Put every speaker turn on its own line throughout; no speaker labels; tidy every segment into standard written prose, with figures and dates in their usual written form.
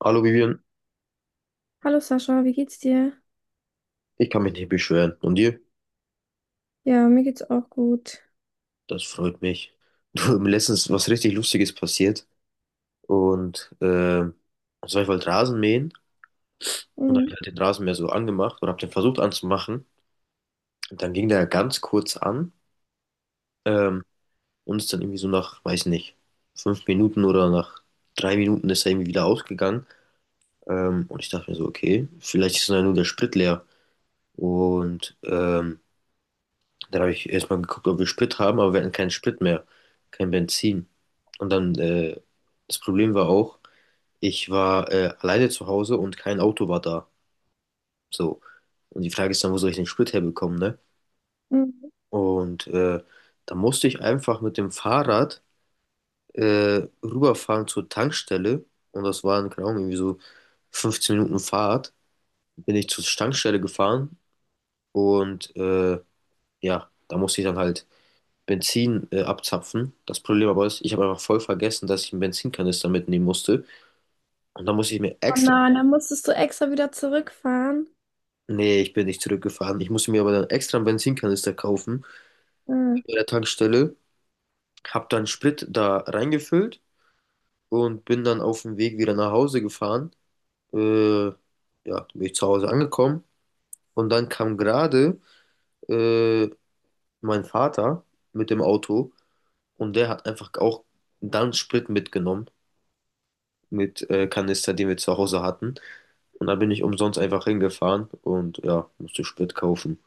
Hallo Vivian,
Hallo Sascha, wie geht's dir?
ich kann mich nicht beschweren. Und dir?
Ja, mir geht's auch gut.
Das freut mich. Du, mir letztens was richtig Lustiges passiert. Und äh, Ich wollte Rasen mähen und habe
Mhm.
halt den Rasenmäher so angemacht und habe den versucht anzumachen. Und dann ging der ganz kurz an ähm, und ist dann irgendwie so nach, weiß nicht, 5 Minuten oder nach 3 Minuten ist er irgendwie wieder ausgegangen. Und ich dachte mir so, okay, vielleicht ist dann nur der Sprit leer. Und ähm, Dann habe ich erstmal geguckt, ob wir Sprit haben, aber wir hatten keinen Sprit mehr, kein Benzin. Und dann das Problem war auch, ich war alleine zu Hause und kein Auto war da. So. Und die Frage ist dann, wo soll ich den Sprit herbekommen, ne?
Mhm.
Und äh, Da musste ich einfach mit dem Fahrrad rüberfahren zur Tankstelle. Und das waren, keine Ahnung, irgendwie so 15 Minuten Fahrt. Bin ich zur Tankstelle gefahren und ja, da musste ich dann halt Benzin abzapfen. Das Problem aber ist, ich habe einfach voll vergessen, dass ich einen Benzinkanister mitnehmen musste. Und dann musste ich mir
Oh
extra.
nein, dann musstest du extra wieder zurückfahren.
Nee, ich bin nicht zurückgefahren. Ich musste mir aber dann extra einen Benzinkanister kaufen
Mhm.
bei der Tankstelle. Habe dann Sprit da reingefüllt und bin dann auf dem Weg wieder nach Hause gefahren. Ja, bin ich zu Hause angekommen. Und dann kam gerade äh, mein Vater mit dem Auto und der hat einfach auch dann Sprit mitgenommen mit Kanister, den wir zu Hause hatten. Und da bin ich umsonst einfach hingefahren und ja, musste Sprit kaufen.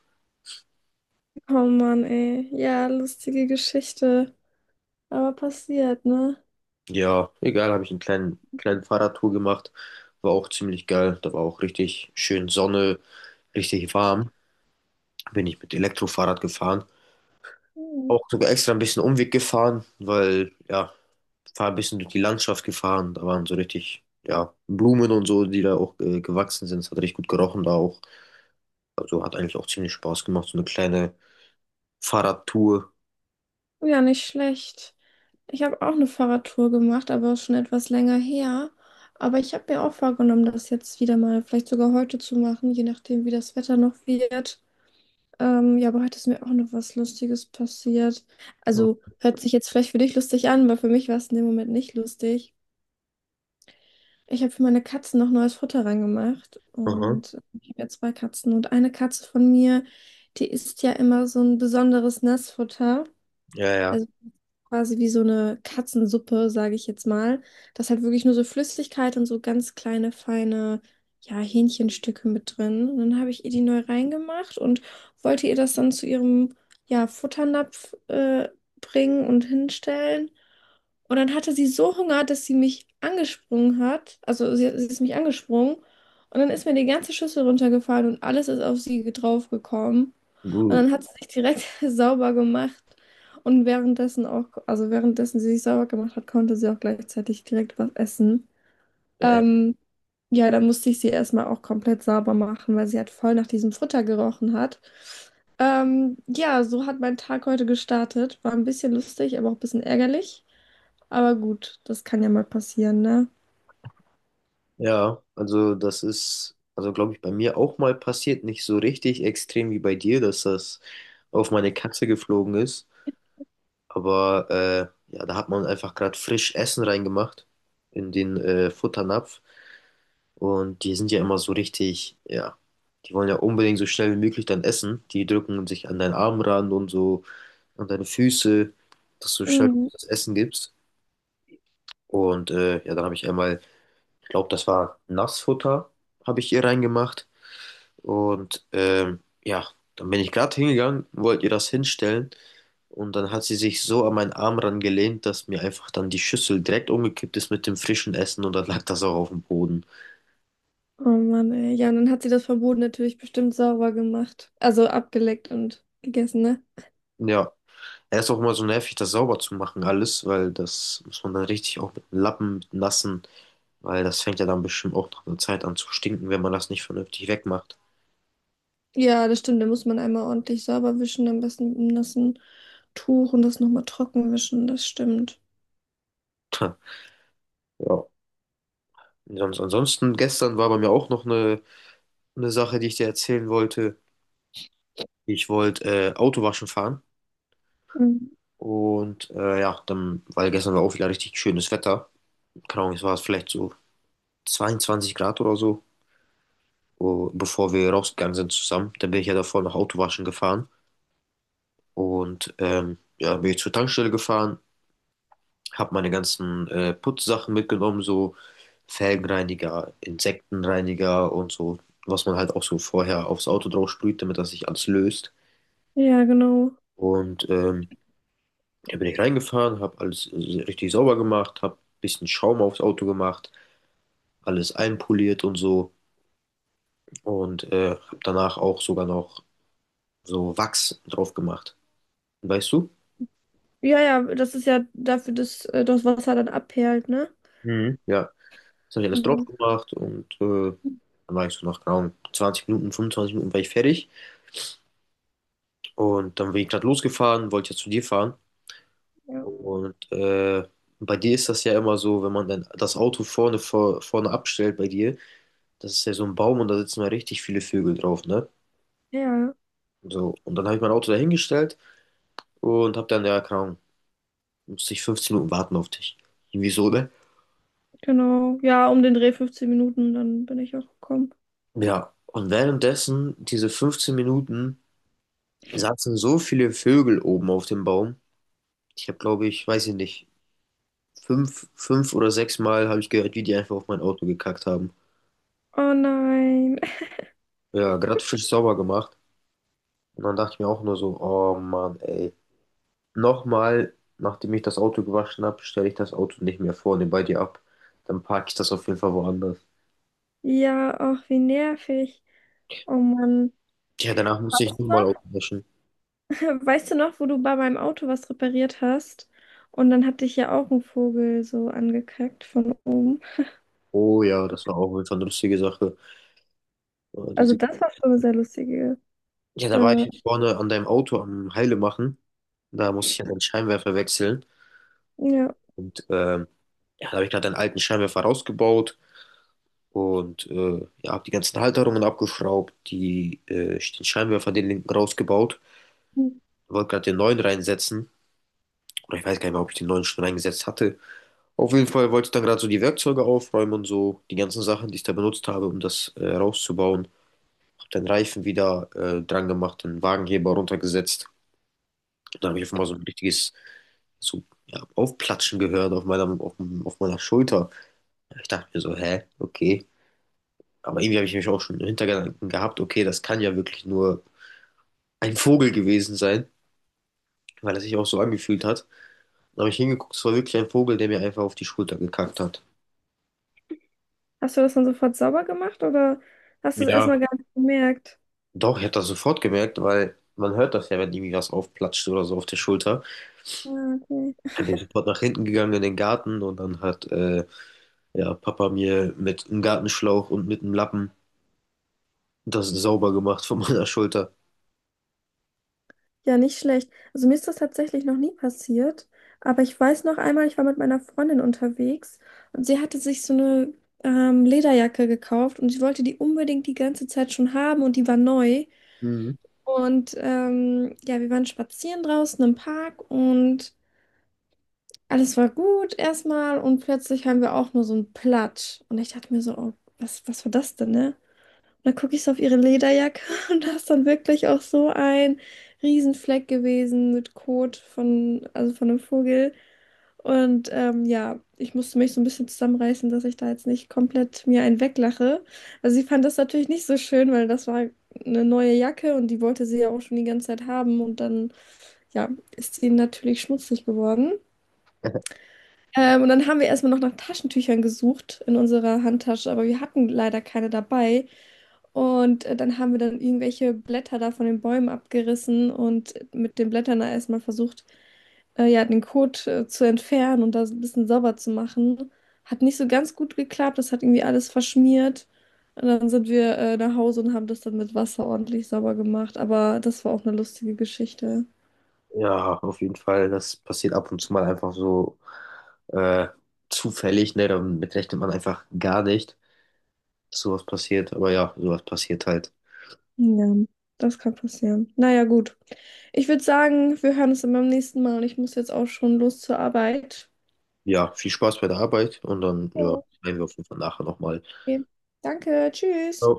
Oh Mann, ey. Ja, lustige Geschichte. Aber passiert, ne?
Ja, egal, habe ich einen kleinen, kleinen Fahrradtour gemacht. War auch ziemlich geil. Da war auch richtig schön Sonne, richtig warm. Bin ich mit Elektrofahrrad gefahren.
Mhm.
Auch sogar extra ein bisschen Umweg gefahren, weil, ja, war ein bisschen durch die Landschaft gefahren. Da waren so richtig, ja, Blumen und so, die da auch gewachsen sind. Es hat richtig gut gerochen da auch. Also hat eigentlich auch ziemlich Spaß gemacht, so eine kleine Fahrradtour.
Ja, nicht schlecht. Ich habe auch eine Fahrradtour gemacht, aber schon etwas länger her. Aber ich habe mir auch vorgenommen, das jetzt wieder mal, vielleicht sogar heute zu machen, je nachdem, wie das Wetter noch wird. Ja, aber heute ist mir auch noch was Lustiges passiert. Also hört sich jetzt vielleicht für dich lustig an, aber für mich war es in dem Moment nicht lustig. Ich habe für meine Katzen noch neues Futter reingemacht
Mhm.
und ich habe ja zwei Katzen und eine Katze von mir, die isst ja immer so ein besonderes Nassfutter.
Ja, ja.
Also quasi wie so eine Katzensuppe, sage ich jetzt mal. Da ist halt wirklich nur so Flüssigkeit und so ganz kleine, feine, ja, Hähnchenstücke mit drin. Und dann habe ich ihr die neu reingemacht und wollte ihr das dann zu ihrem, ja, Futternapf bringen und hinstellen. Und dann hatte sie so Hunger, dass sie mich angesprungen hat. Also sie ist mich angesprungen. Und dann ist mir die ganze Schüssel runtergefallen und alles ist auf sie draufgekommen. Und
Du,
dann hat sie sich direkt sauber gemacht. Und währenddessen auch, also währenddessen sie sich sauber gemacht hat, konnte sie auch gleichzeitig direkt was essen. Ähm, ja, dann musste ich sie erstmal auch komplett sauber machen, weil sie halt voll nach diesem Futter gerochen hat. Ja, so hat mein Tag heute gestartet. War ein bisschen lustig, aber auch ein bisschen ärgerlich. Aber gut, das kann ja mal passieren, ne?
ja, also das ist, also glaube ich, bei mir auch mal passiert, nicht so richtig extrem wie bei dir, dass das auf meine Katze geflogen ist. Aber ja, da hat man einfach gerade frisch Essen reingemacht in den Futternapf. Und die sind ja immer so richtig, ja, die wollen ja unbedingt so schnell wie möglich dann essen. Die drücken sich an deinen Arm ran und so, an deine Füße, dass du schnell
Mhm.
das Essen gibst. Ja, dann habe ich einmal, ich glaube, das war Nassfutter, habe ich ihr reingemacht. Ja, dann bin ich gerade hingegangen, wollte ihr das hinstellen. Und dann hat sie sich so an meinen Arm rangelehnt, dass mir einfach dann die Schüssel direkt umgekippt ist mit dem frischen Essen und dann lag das auch auf dem Boden.
Oh Mann, ey. Ja, und dann hat sie das Verbot natürlich bestimmt sauber gemacht. Also abgeleckt und gegessen, ne?
Ja, er ist auch immer so nervig, das sauber zu machen alles, weil das muss man dann richtig auch mit dem Lappen, mit dem Nassen, weil das fängt ja dann bestimmt auch nach einer Zeit an zu stinken, wenn man das nicht vernünftig wegmacht.
Ja, das stimmt. Da muss man einmal ordentlich sauber wischen, am besten mit einem nassen Tuch und das nochmal trocken wischen. Das stimmt.
Tja, ja, sonst ansonsten, gestern war bei mir auch noch eine Sache, die ich dir erzählen wollte. Ich wollte Autowaschen fahren.
Mhm.
Ja, dann, weil gestern war auch wieder richtig schönes Wetter. Keine Ahnung, es war vielleicht so 22 Grad oder so, bevor wir rausgegangen sind zusammen. Dann bin ich ja davor noch Autowaschen gefahren. Ja, bin ich zur Tankstelle gefahren, habe meine ganzen Putzsachen mitgenommen, so Felgenreiniger, Insektenreiniger und so, was man halt auch so vorher aufs Auto drauf sprüht, damit das sich alles löst.
Ja, genau.
Und ähm, Dann bin ich reingefahren, habe alles richtig sauber gemacht, habe ein bisschen Schaum aufs Auto gemacht, alles einpoliert und so, und habe danach auch sogar noch so Wachs drauf gemacht. Weißt du?
Ja, ja, das ist ja dafür, dass das Wasser dann abperlt, ne?
Mhm. Ja, das habe ich alles drauf
Genau.
gemacht und dann war ich so nach genau 20 Minuten, 25 Minuten war ich fertig und dann bin ich gerade losgefahren, wollte ja zu dir fahren
Ja.
und bei dir ist das ja immer so, wenn man dann das Auto vorne, vorne abstellt bei dir, das ist ja so ein Baum und da sitzen ja richtig viele Vögel drauf, ne?
Ja,
So, und dann habe ich mein Auto dahingestellt und habe dann, ja, keine Ahnung, musste ich 15 Minuten warten auf dich. Irgendwie so, ne?
genau. Ja, um den Dreh 15 Minuten, dann bin ich auch gekommen.
Ja. Und währenddessen, diese 15 Minuten, saßen so viele Vögel oben auf dem Baum. Ich habe, glaube ich, weiß ich nicht, fünf oder sechs Mal habe ich gehört, wie die einfach auf mein Auto gekackt haben.
Oh nein.
Ja, gerade frisch sauber gemacht. Und dann dachte ich mir auch nur so, oh Mann, ey. Nochmal, nachdem ich das Auto gewaschen habe, stelle ich das Auto nicht mehr vorne bei dir ab. Dann parke ich das auf jeden Fall woanders.
Ja, ach, wie nervig. Oh Mann.
Ja, danach musste ich
Weißt
nochmal Auto
du
waschen.
noch, weißt du noch, wo du bei meinem Auto was repariert hast? Und dann hat dich ja auch ein Vogel so angekackt von oben.
Oh ja, das war auch auf jeden Fall eine lustige Sache.
Also
Diese
das war schon eine sehr lustige.
Ja, da war
Äh,
ich vorne an deinem Auto am Heile machen. Da musste ich ja den Scheinwerfer wechseln.
ja.
Und ähm, ja, da habe ich gerade einen alten Scheinwerfer rausgebaut und ja, habe die ganzen Halterungen abgeschraubt, den Scheinwerfer, den linken rausgebaut. Wollte gerade den neuen reinsetzen. Oder ich weiß gar nicht mehr, ob ich den neuen schon reingesetzt hatte. Auf jeden Fall wollte ich dann gerade so die Werkzeuge aufräumen und so, die ganzen Sachen, die ich da benutzt habe, um das rauszubauen. Hab den Reifen wieder dran gemacht, den Wagenheber runtergesetzt. Und dann habe ich einfach mal so ein richtiges so, ja, aufplatschen gehört auf meiner Schulter. Ich dachte mir so, hä, okay. Aber irgendwie habe ich mich auch schon im Hintergedanken gehabt, okay, das kann ja wirklich nur ein Vogel gewesen sein, weil es sich auch so angefühlt hat. Dann habe ich hingeguckt, es war wirklich ein Vogel, der mir einfach auf die Schulter gekackt hat.
Hast du das dann sofort sauber gemacht oder hast du es
Ja.
erstmal gar nicht gemerkt?
Doch, ich habe das sofort gemerkt, weil man hört das ja, wenn irgendwie was aufplatscht oder so auf der Schulter.
Ja, okay.
Dann bin ich sofort nach hinten gegangen in den Garten und dann hat ja, Papa mir mit einem Gartenschlauch und mit einem Lappen das sauber gemacht von meiner Schulter.
Ja, nicht schlecht. Also mir ist das tatsächlich noch nie passiert, aber ich weiß noch einmal, ich war mit meiner Freundin unterwegs und sie hatte sich so eine Lederjacke gekauft und sie wollte die unbedingt die ganze Zeit schon haben und die war neu.
Mhm.
Und ja, wir waren spazieren draußen im Park und alles war gut erstmal und plötzlich haben wir auch nur so einen Platsch. Und ich dachte mir so, oh, was, was war das denn, ne? Und dann gucke ich so auf ihre Lederjacke und da ist dann wirklich auch so ein Riesenfleck gewesen mit Kot von, also von einem Vogel. Und ja, ich musste mich so ein bisschen zusammenreißen, dass ich da jetzt nicht komplett mir einen weglache. Also sie fand das natürlich nicht so schön, weil das war eine neue Jacke und die wollte sie ja auch schon die ganze Zeit haben. Und dann, ja, ist sie natürlich schmutzig geworden. Und dann haben wir erstmal noch nach Taschentüchern gesucht in unserer Handtasche, aber wir hatten leider keine dabei. Und dann haben wir dann irgendwelche Blätter da von den Bäumen abgerissen und mit den Blättern da erstmal versucht, ja, den Code zu entfernen und das ein bisschen sauber zu machen. Hat nicht so ganz gut geklappt. Das hat irgendwie alles verschmiert. Und dann sind wir nach Hause und haben das dann mit Wasser ordentlich sauber gemacht. Aber das war auch eine lustige Geschichte.
Ja, auf jeden Fall. Das passiert ab und zu mal einfach so äh, zufällig, ne? Damit rechnet man einfach gar nicht, dass sowas passiert. Aber ja, sowas passiert halt.
Ja, das kann passieren. Naja, gut. Ich würde sagen, wir hören uns dann beim nächsten Mal und ich muss jetzt auch schon los zur Arbeit.
Ja, viel Spaß bei der Arbeit und dann, ja,
Jo.
sehen wir auf jeden Fall nachher nochmal.
Okay. Danke, tschüss.